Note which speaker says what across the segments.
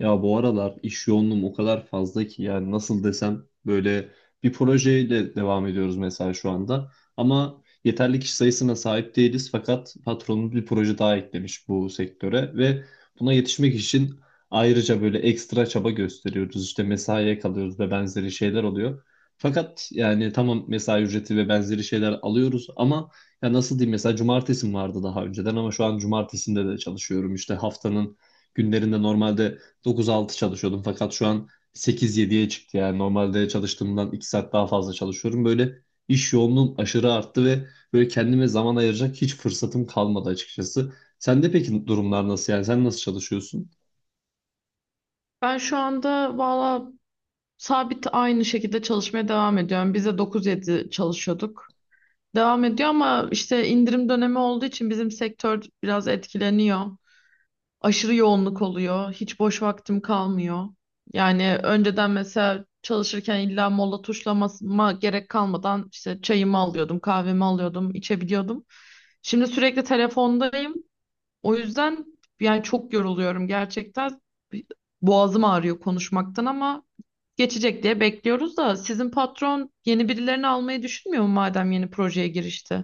Speaker 1: Ya bu aralar iş yoğunluğum o kadar fazla ki yani nasıl desem böyle bir projeyle devam ediyoruz mesela şu anda. Ama yeterli kişi sayısına sahip değiliz fakat patronumuz bir proje daha eklemiş bu sektöre ve buna yetişmek için ayrıca böyle ekstra çaba gösteriyoruz. İşte mesaiye kalıyoruz ve benzeri şeyler oluyor. Fakat yani tamam mesai ücreti ve benzeri şeyler alıyoruz ama ya nasıl diyeyim mesela cumartesim vardı daha önceden ama şu an cumartesinde de çalışıyorum. İşte haftanın günlerinde normalde 9-6 çalışıyordum fakat şu an 8-7'ye çıktı yani normalde çalıştığımdan 2 saat daha fazla çalışıyorum. Böyle iş yoğunluğum aşırı arttı ve böyle kendime zaman ayıracak hiç fırsatım kalmadı açıkçası. Sende peki durumlar nasıl, yani sen nasıl çalışıyorsun?
Speaker 2: Ben şu anda valla sabit aynı şekilde çalışmaya devam ediyorum. Biz de 9-7 çalışıyorduk. Devam ediyor ama işte indirim dönemi olduğu için bizim sektör biraz etkileniyor. Aşırı yoğunluk oluyor. Hiç boş vaktim kalmıyor. Yani önceden mesela çalışırken illa mola tuşlamama gerek kalmadan işte çayımı alıyordum, kahvemi alıyordum, içebiliyordum. Şimdi sürekli telefondayım. O yüzden yani çok yoruluyorum gerçekten. Boğazım ağrıyor konuşmaktan ama geçecek diye bekliyoruz da sizin patron yeni birilerini almayı düşünmüyor mu madem yeni projeye girişti?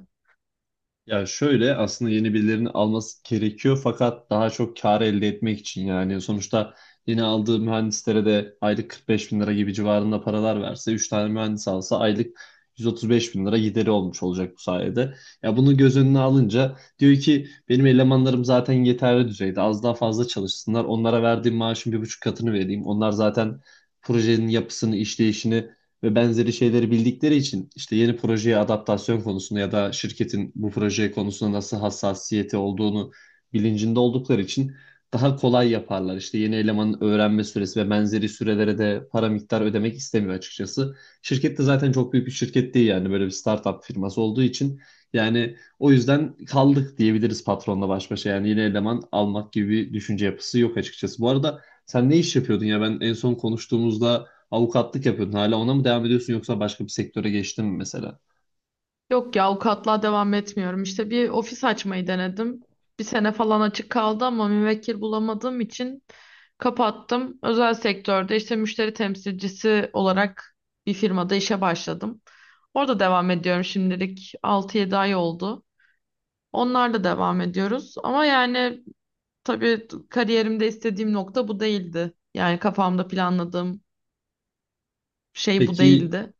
Speaker 1: Ya şöyle, aslında yeni birilerini alması gerekiyor fakat daha çok kar elde etmek için yani sonuçta yeni aldığı mühendislere de aylık 45 bin lira gibi civarında paralar verse, 3 tane mühendis alsa aylık 135 bin lira gideri olmuş olacak bu sayede. Ya bunu göz önüne alınca diyor ki benim elemanlarım zaten yeterli düzeyde, az daha fazla çalışsınlar, onlara verdiğim maaşın bir buçuk katını vereyim, onlar zaten projenin yapısını, işleyişini ve benzeri şeyleri bildikleri için, işte yeni projeye adaptasyon konusunda ya da şirketin bu proje konusunda nasıl hassasiyeti olduğunu bilincinde oldukları için daha kolay yaparlar. İşte yeni elemanın öğrenme süresi ve benzeri sürelere de para miktar ödemek istemiyor açıkçası. Şirket de zaten çok büyük bir şirket değil, yani böyle bir startup firması olduğu için yani o yüzden kaldık diyebiliriz patronla baş başa. Yani yeni eleman almak gibi bir düşünce yapısı yok açıkçası. Bu arada sen ne iş yapıyordun ya, ben en son konuştuğumuzda avukatlık yapıyordun. Hala ona mı devam ediyorsun yoksa başka bir sektöre geçtin mi mesela?
Speaker 2: Yok ya avukatlığa devam etmiyorum. İşte bir ofis açmayı denedim. Bir sene falan açık kaldı ama müvekkil bulamadığım için kapattım. Özel sektörde işte müşteri temsilcisi olarak bir firmada işe başladım. Orada devam ediyorum şimdilik 6-7 ay oldu. Onlarla devam ediyoruz ama yani tabii kariyerimde istediğim nokta bu değildi. Yani kafamda planladığım şey bu
Speaker 1: Peki
Speaker 2: değildi.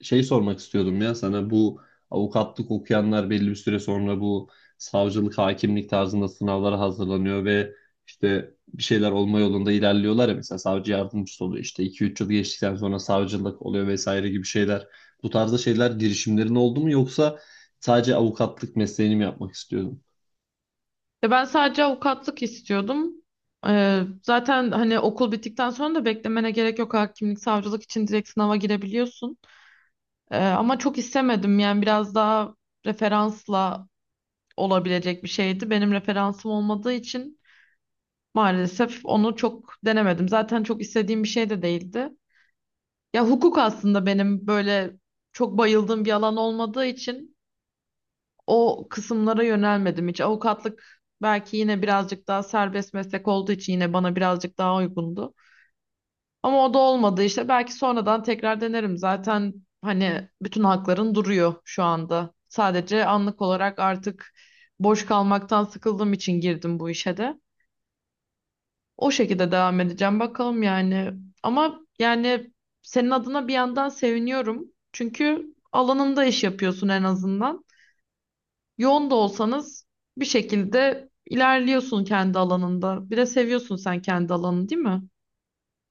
Speaker 1: şey sormak istiyordum ya sana, bu avukatlık okuyanlar belli bir süre sonra bu savcılık, hakimlik tarzında sınavlara hazırlanıyor ve işte bir şeyler olma yolunda ilerliyorlar ya, mesela savcı yardımcısı oluyor, işte iki üç yıl geçtikten sonra savcılık oluyor vesaire gibi şeyler. Bu tarzda şeyler, girişimlerin oldu mu yoksa sadece avukatlık mesleğini mi yapmak istiyordun?
Speaker 2: E ben sadece avukatlık istiyordum. Zaten hani okul bittikten sonra da beklemene gerek yok. Hakimlik, savcılık için direkt sınava girebiliyorsun. Ama çok istemedim. Yani biraz daha referansla olabilecek bir şeydi. Benim referansım olmadığı için maalesef onu çok denemedim. Zaten çok istediğim bir şey de değildi. Ya hukuk aslında benim böyle çok bayıldığım bir alan olmadığı için o kısımlara yönelmedim hiç. Avukatlık belki yine birazcık daha serbest meslek olduğu için yine bana birazcık daha uygundu. Ama o da olmadı işte. Belki sonradan tekrar denerim. Zaten hani bütün hakların duruyor şu anda. Sadece anlık olarak artık boş kalmaktan sıkıldığım için girdim bu işe de. O şekilde devam edeceğim bakalım yani. Ama yani senin adına bir yandan seviniyorum. Çünkü alanında iş yapıyorsun en azından. Yoğun da olsanız bir şekilde ilerliyorsun kendi alanında. Bir de seviyorsun sen kendi alanını, değil mi?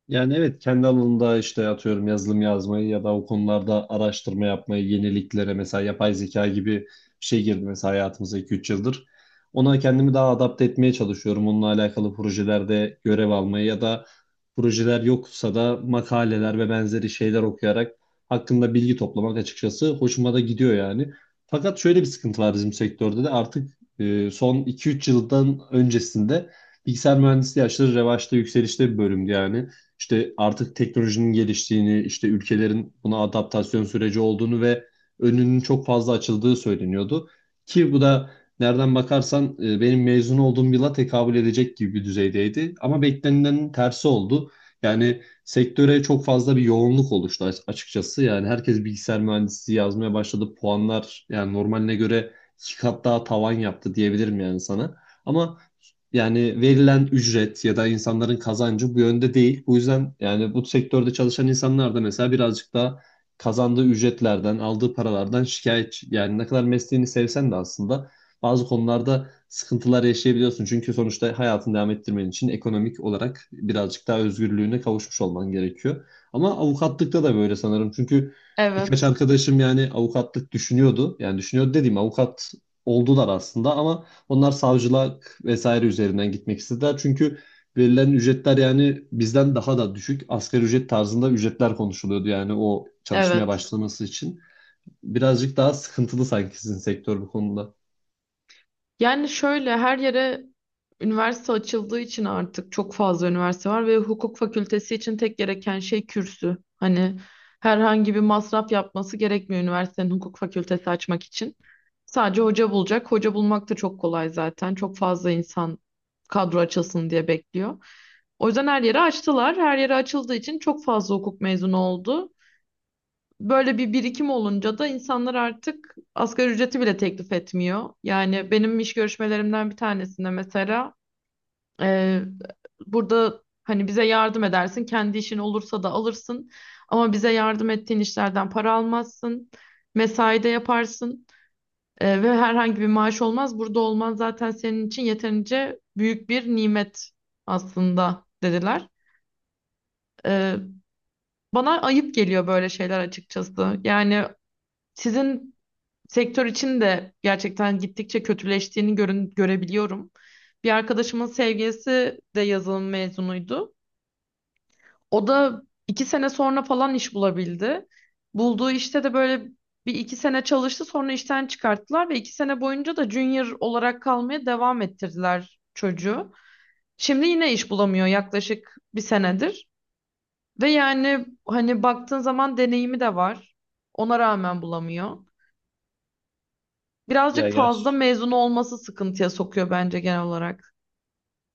Speaker 1: Yani evet, kendi alanında işte atıyorum yazılım yazmayı ya da o konularda araştırma yapmayı, yeniliklere, mesela yapay zeka gibi bir şey girdi mesela hayatımıza 2-3 yıldır. Ona kendimi daha adapte etmeye çalışıyorum. Onunla alakalı projelerde görev almayı ya da projeler yoksa da makaleler ve benzeri şeyler okuyarak hakkında bilgi toplamak açıkçası hoşuma da gidiyor yani. Fakat şöyle bir sıkıntı var bizim sektörde de artık, son 2-3 yıldan öncesinde bilgisayar mühendisliği aşırı revaçta, yükselişte bir bölümdü yani, işte artık teknolojinin geliştiğini, işte ülkelerin buna adaptasyon süreci olduğunu ve önünün çok fazla açıldığı söyleniyordu. Ki bu da nereden bakarsan benim mezun olduğum yıla tekabül edecek gibi bir düzeydeydi. Ama beklenenin tersi oldu. Yani sektöre çok fazla bir yoğunluk oluştu açıkçası. Yani herkes bilgisayar mühendisliği yazmaya başladı. Puanlar yani normaline göre iki kat daha tavan yaptı diyebilirim yani sana. Ama yani verilen ücret ya da insanların kazancı bu yönde değil. Bu yüzden yani bu sektörde çalışan insanlar da mesela birazcık da kazandığı ücretlerden, aldığı paralardan şikayetçi. Yani ne kadar mesleğini sevsen de aslında bazı konularda sıkıntılar yaşayabiliyorsun. Çünkü sonuçta hayatını devam ettirmen için ekonomik olarak birazcık daha özgürlüğüne kavuşmuş olman gerekiyor. Ama avukatlıkta da böyle sanırım. Çünkü birkaç
Speaker 2: Evet.
Speaker 1: arkadaşım yani avukatlık düşünüyordu. Yani düşünüyordu dediğim, avukat oldular aslında ama onlar savcılık vesaire üzerinden gitmek istediler. Çünkü verilen ücretler yani bizden daha da düşük. Asgari ücret tarzında ücretler konuşuluyordu yani o çalışmaya
Speaker 2: Evet.
Speaker 1: başlaması için. Birazcık daha sıkıntılı sanki sizin sektör bu konuda.
Speaker 2: Yani şöyle her yere üniversite açıldığı için artık çok fazla üniversite var ve hukuk fakültesi için tek gereken şey kürsü. Hani herhangi bir masraf yapması gerekmiyor üniversitenin hukuk fakültesi açmak için. Sadece hoca bulacak. Hoca bulmak da çok kolay zaten. Çok fazla insan kadro açılsın diye bekliyor. O yüzden her yere açtılar. Her yere açıldığı için çok fazla hukuk mezunu oldu. Böyle bir birikim olunca da insanlar artık asgari ücreti bile teklif etmiyor. Yani benim iş görüşmelerimden bir tanesinde mesela e, burada hani bize yardım edersin, kendi işin olursa da alırsın ama bize yardım ettiğin işlerden para almazsın, mesai de yaparsın ve herhangi bir maaş olmaz. Burada olman zaten senin için yeterince büyük bir nimet aslında dediler. E, Bana ayıp geliyor böyle şeyler açıkçası. Yani sizin sektör için de gerçekten gittikçe kötüleştiğini görün, görebiliyorum. Bir arkadaşımın sevgilisi de yazılım mezunuydu. O da iki sene sonra falan iş bulabildi. Bulduğu işte de böyle bir iki sene çalıştı sonra işten çıkarttılar ve iki sene boyunca da junior olarak kalmaya devam ettirdiler çocuğu. Şimdi yine iş bulamıyor yaklaşık bir senedir. Ve yani hani baktığın zaman deneyimi de var. Ona rağmen bulamıyor.
Speaker 1: Ya
Speaker 2: Birazcık fazla
Speaker 1: ger
Speaker 2: mezun olması sıkıntıya sokuyor bence genel olarak.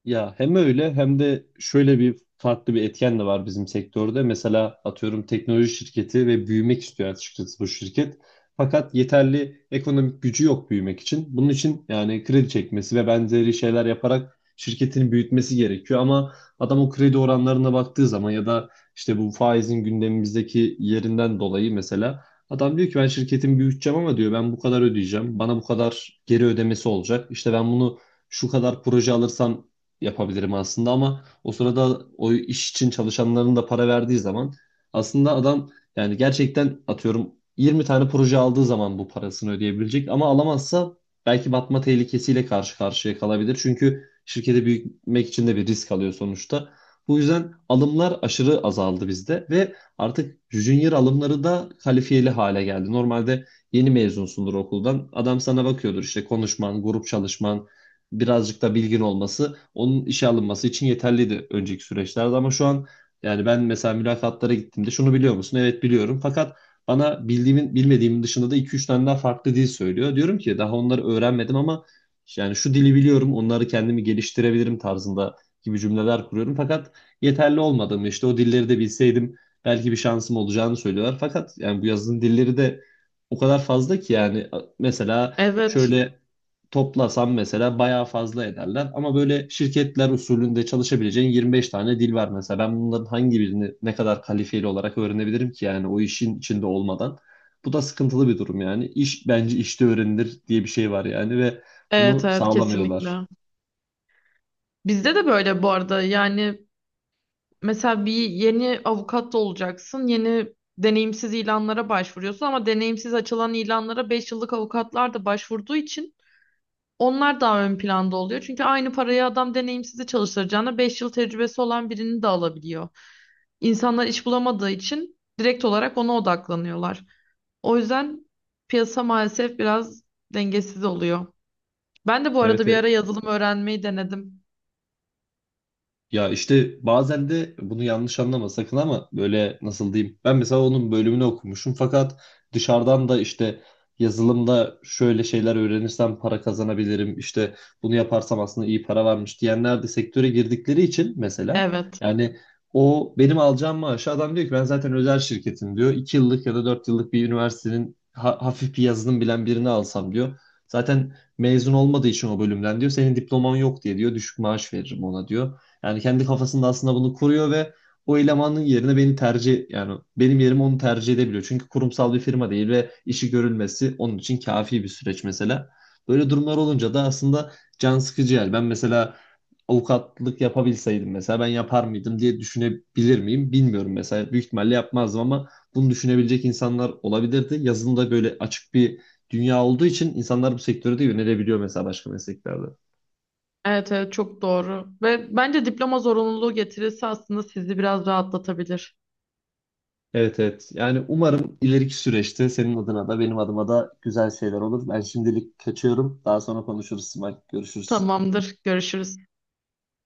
Speaker 1: Ya hem öyle hem de şöyle bir farklı bir etken de var bizim sektörde. Mesela atıyorum teknoloji şirketi ve büyümek istiyor açıkçası bu şirket. Fakat yeterli ekonomik gücü yok büyümek için. Bunun için yani kredi çekmesi ve benzeri şeyler yaparak şirketini büyütmesi gerekiyor. Ama adam o kredi oranlarına baktığı zaman ya da işte bu faizin gündemimizdeki yerinden dolayı mesela adam diyor ki ben şirketimi büyüteceğim ama diyor, ben bu kadar ödeyeceğim. Bana bu kadar geri ödemesi olacak. İşte ben bunu şu kadar proje alırsam yapabilirim aslında ama o sırada o iş için çalışanların da para verdiği zaman aslında adam, yani gerçekten atıyorum 20 tane proje aldığı zaman bu parasını ödeyebilecek ama alamazsa belki batma tehlikesiyle karşı karşıya kalabilir. Çünkü şirketi büyütmek için de bir risk alıyor sonuçta. Bu yüzden alımlar aşırı azaldı bizde ve artık junior alımları da kalifiyeli hale geldi. Normalde yeni mezunsundur okuldan. Adam sana bakıyordur, işte konuşman, grup çalışman, birazcık da bilgin olması onun işe alınması için yeterliydi önceki süreçlerde ama şu an, yani ben mesela mülakatlara gittiğimde şunu biliyor musun? Evet biliyorum. Fakat bana bildiğimin bilmediğimin dışında da iki üç tane daha farklı dil söylüyor. Diyorum ki daha onları öğrenmedim ama yani şu dili biliyorum, onları kendimi geliştirebilirim tarzında gibi cümleler kuruyorum. Fakat yeterli olmadığımı, işte o dilleri de bilseydim belki bir şansım olacağını söylüyorlar. Fakat yani bu yazılım dilleri de o kadar fazla ki yani mesela
Speaker 2: Evet.
Speaker 1: şöyle toplasam mesela bayağı fazla ederler. Ama böyle şirketler usulünde çalışabileceğin 25 tane dil var mesela. Ben bunların hangi birini ne kadar kalifiyeli olarak öğrenebilirim ki yani o işin içinde olmadan. Bu da sıkıntılı bir durum yani. İş bence işte öğrenilir diye bir şey var yani ve
Speaker 2: Evet,
Speaker 1: bunu
Speaker 2: evet,
Speaker 1: sağlamıyorlar.
Speaker 2: kesinlikle. Bizde de böyle bu arada yani mesela bir yeni avukat da olacaksın. Yeni deneyimsiz ilanlara başvuruyorsun ama deneyimsiz açılan ilanlara 5 yıllık avukatlar da başvurduğu için onlar daha ön planda oluyor. Çünkü aynı parayı adam deneyimsizi çalıştıracağına 5 yıl tecrübesi olan birini de alabiliyor. İnsanlar iş bulamadığı için direkt olarak ona odaklanıyorlar. O yüzden piyasa maalesef biraz dengesiz oluyor. Ben de bu
Speaker 1: Evet,
Speaker 2: arada bir
Speaker 1: evet.
Speaker 2: ara yazılım öğrenmeyi denedim.
Speaker 1: Ya işte bazen de, bunu yanlış anlama sakın ama, böyle nasıl diyeyim. Ben mesela onun bölümünü okumuşum fakat dışarıdan da işte yazılımda şöyle şeyler öğrenirsem para kazanabilirim, İşte bunu yaparsam aslında iyi para varmış diyenler de sektöre girdikleri için mesela,
Speaker 2: Evet.
Speaker 1: yani o benim alacağım maaşı adam diyor ki, ben zaten özel şirketim diyor. İki yıllık ya da 4 yıllık bir üniversitenin hafif bir yazılım bilen birini alsam diyor. Zaten mezun olmadığı için o bölümden diyor. Senin diploman yok diye diyor. Düşük maaş veririm ona diyor. Yani kendi kafasında aslında bunu kuruyor ve o elemanın yerine beni tercih yani benim yerime onu tercih edebiliyor. Çünkü kurumsal bir firma değil ve işi görülmesi onun için kafi bir süreç mesela. Böyle durumlar olunca da aslında can sıkıcı yani. Ben mesela avukatlık yapabilseydim mesela, ben yapar mıydım diye düşünebilir miyim bilmiyorum mesela. Büyük ihtimalle yapmazdım ama bunu düşünebilecek insanlar olabilirdi. Yazılımda böyle açık bir dünya olduğu için insanlar bu sektörü de yönelebiliyor mesela başka mesleklerde.
Speaker 2: Evet, evet, çok doğru. Ve bence diploma zorunluluğu getirirse aslında sizi biraz rahatlatabilir.
Speaker 1: Evet evet. Yani umarım ileriki süreçte senin adına da benim adıma da güzel şeyler olur. Ben şimdilik kaçıyorum. Daha sonra konuşuruz. Simay. Görüşürüz.
Speaker 2: Tamamdır. Görüşürüz.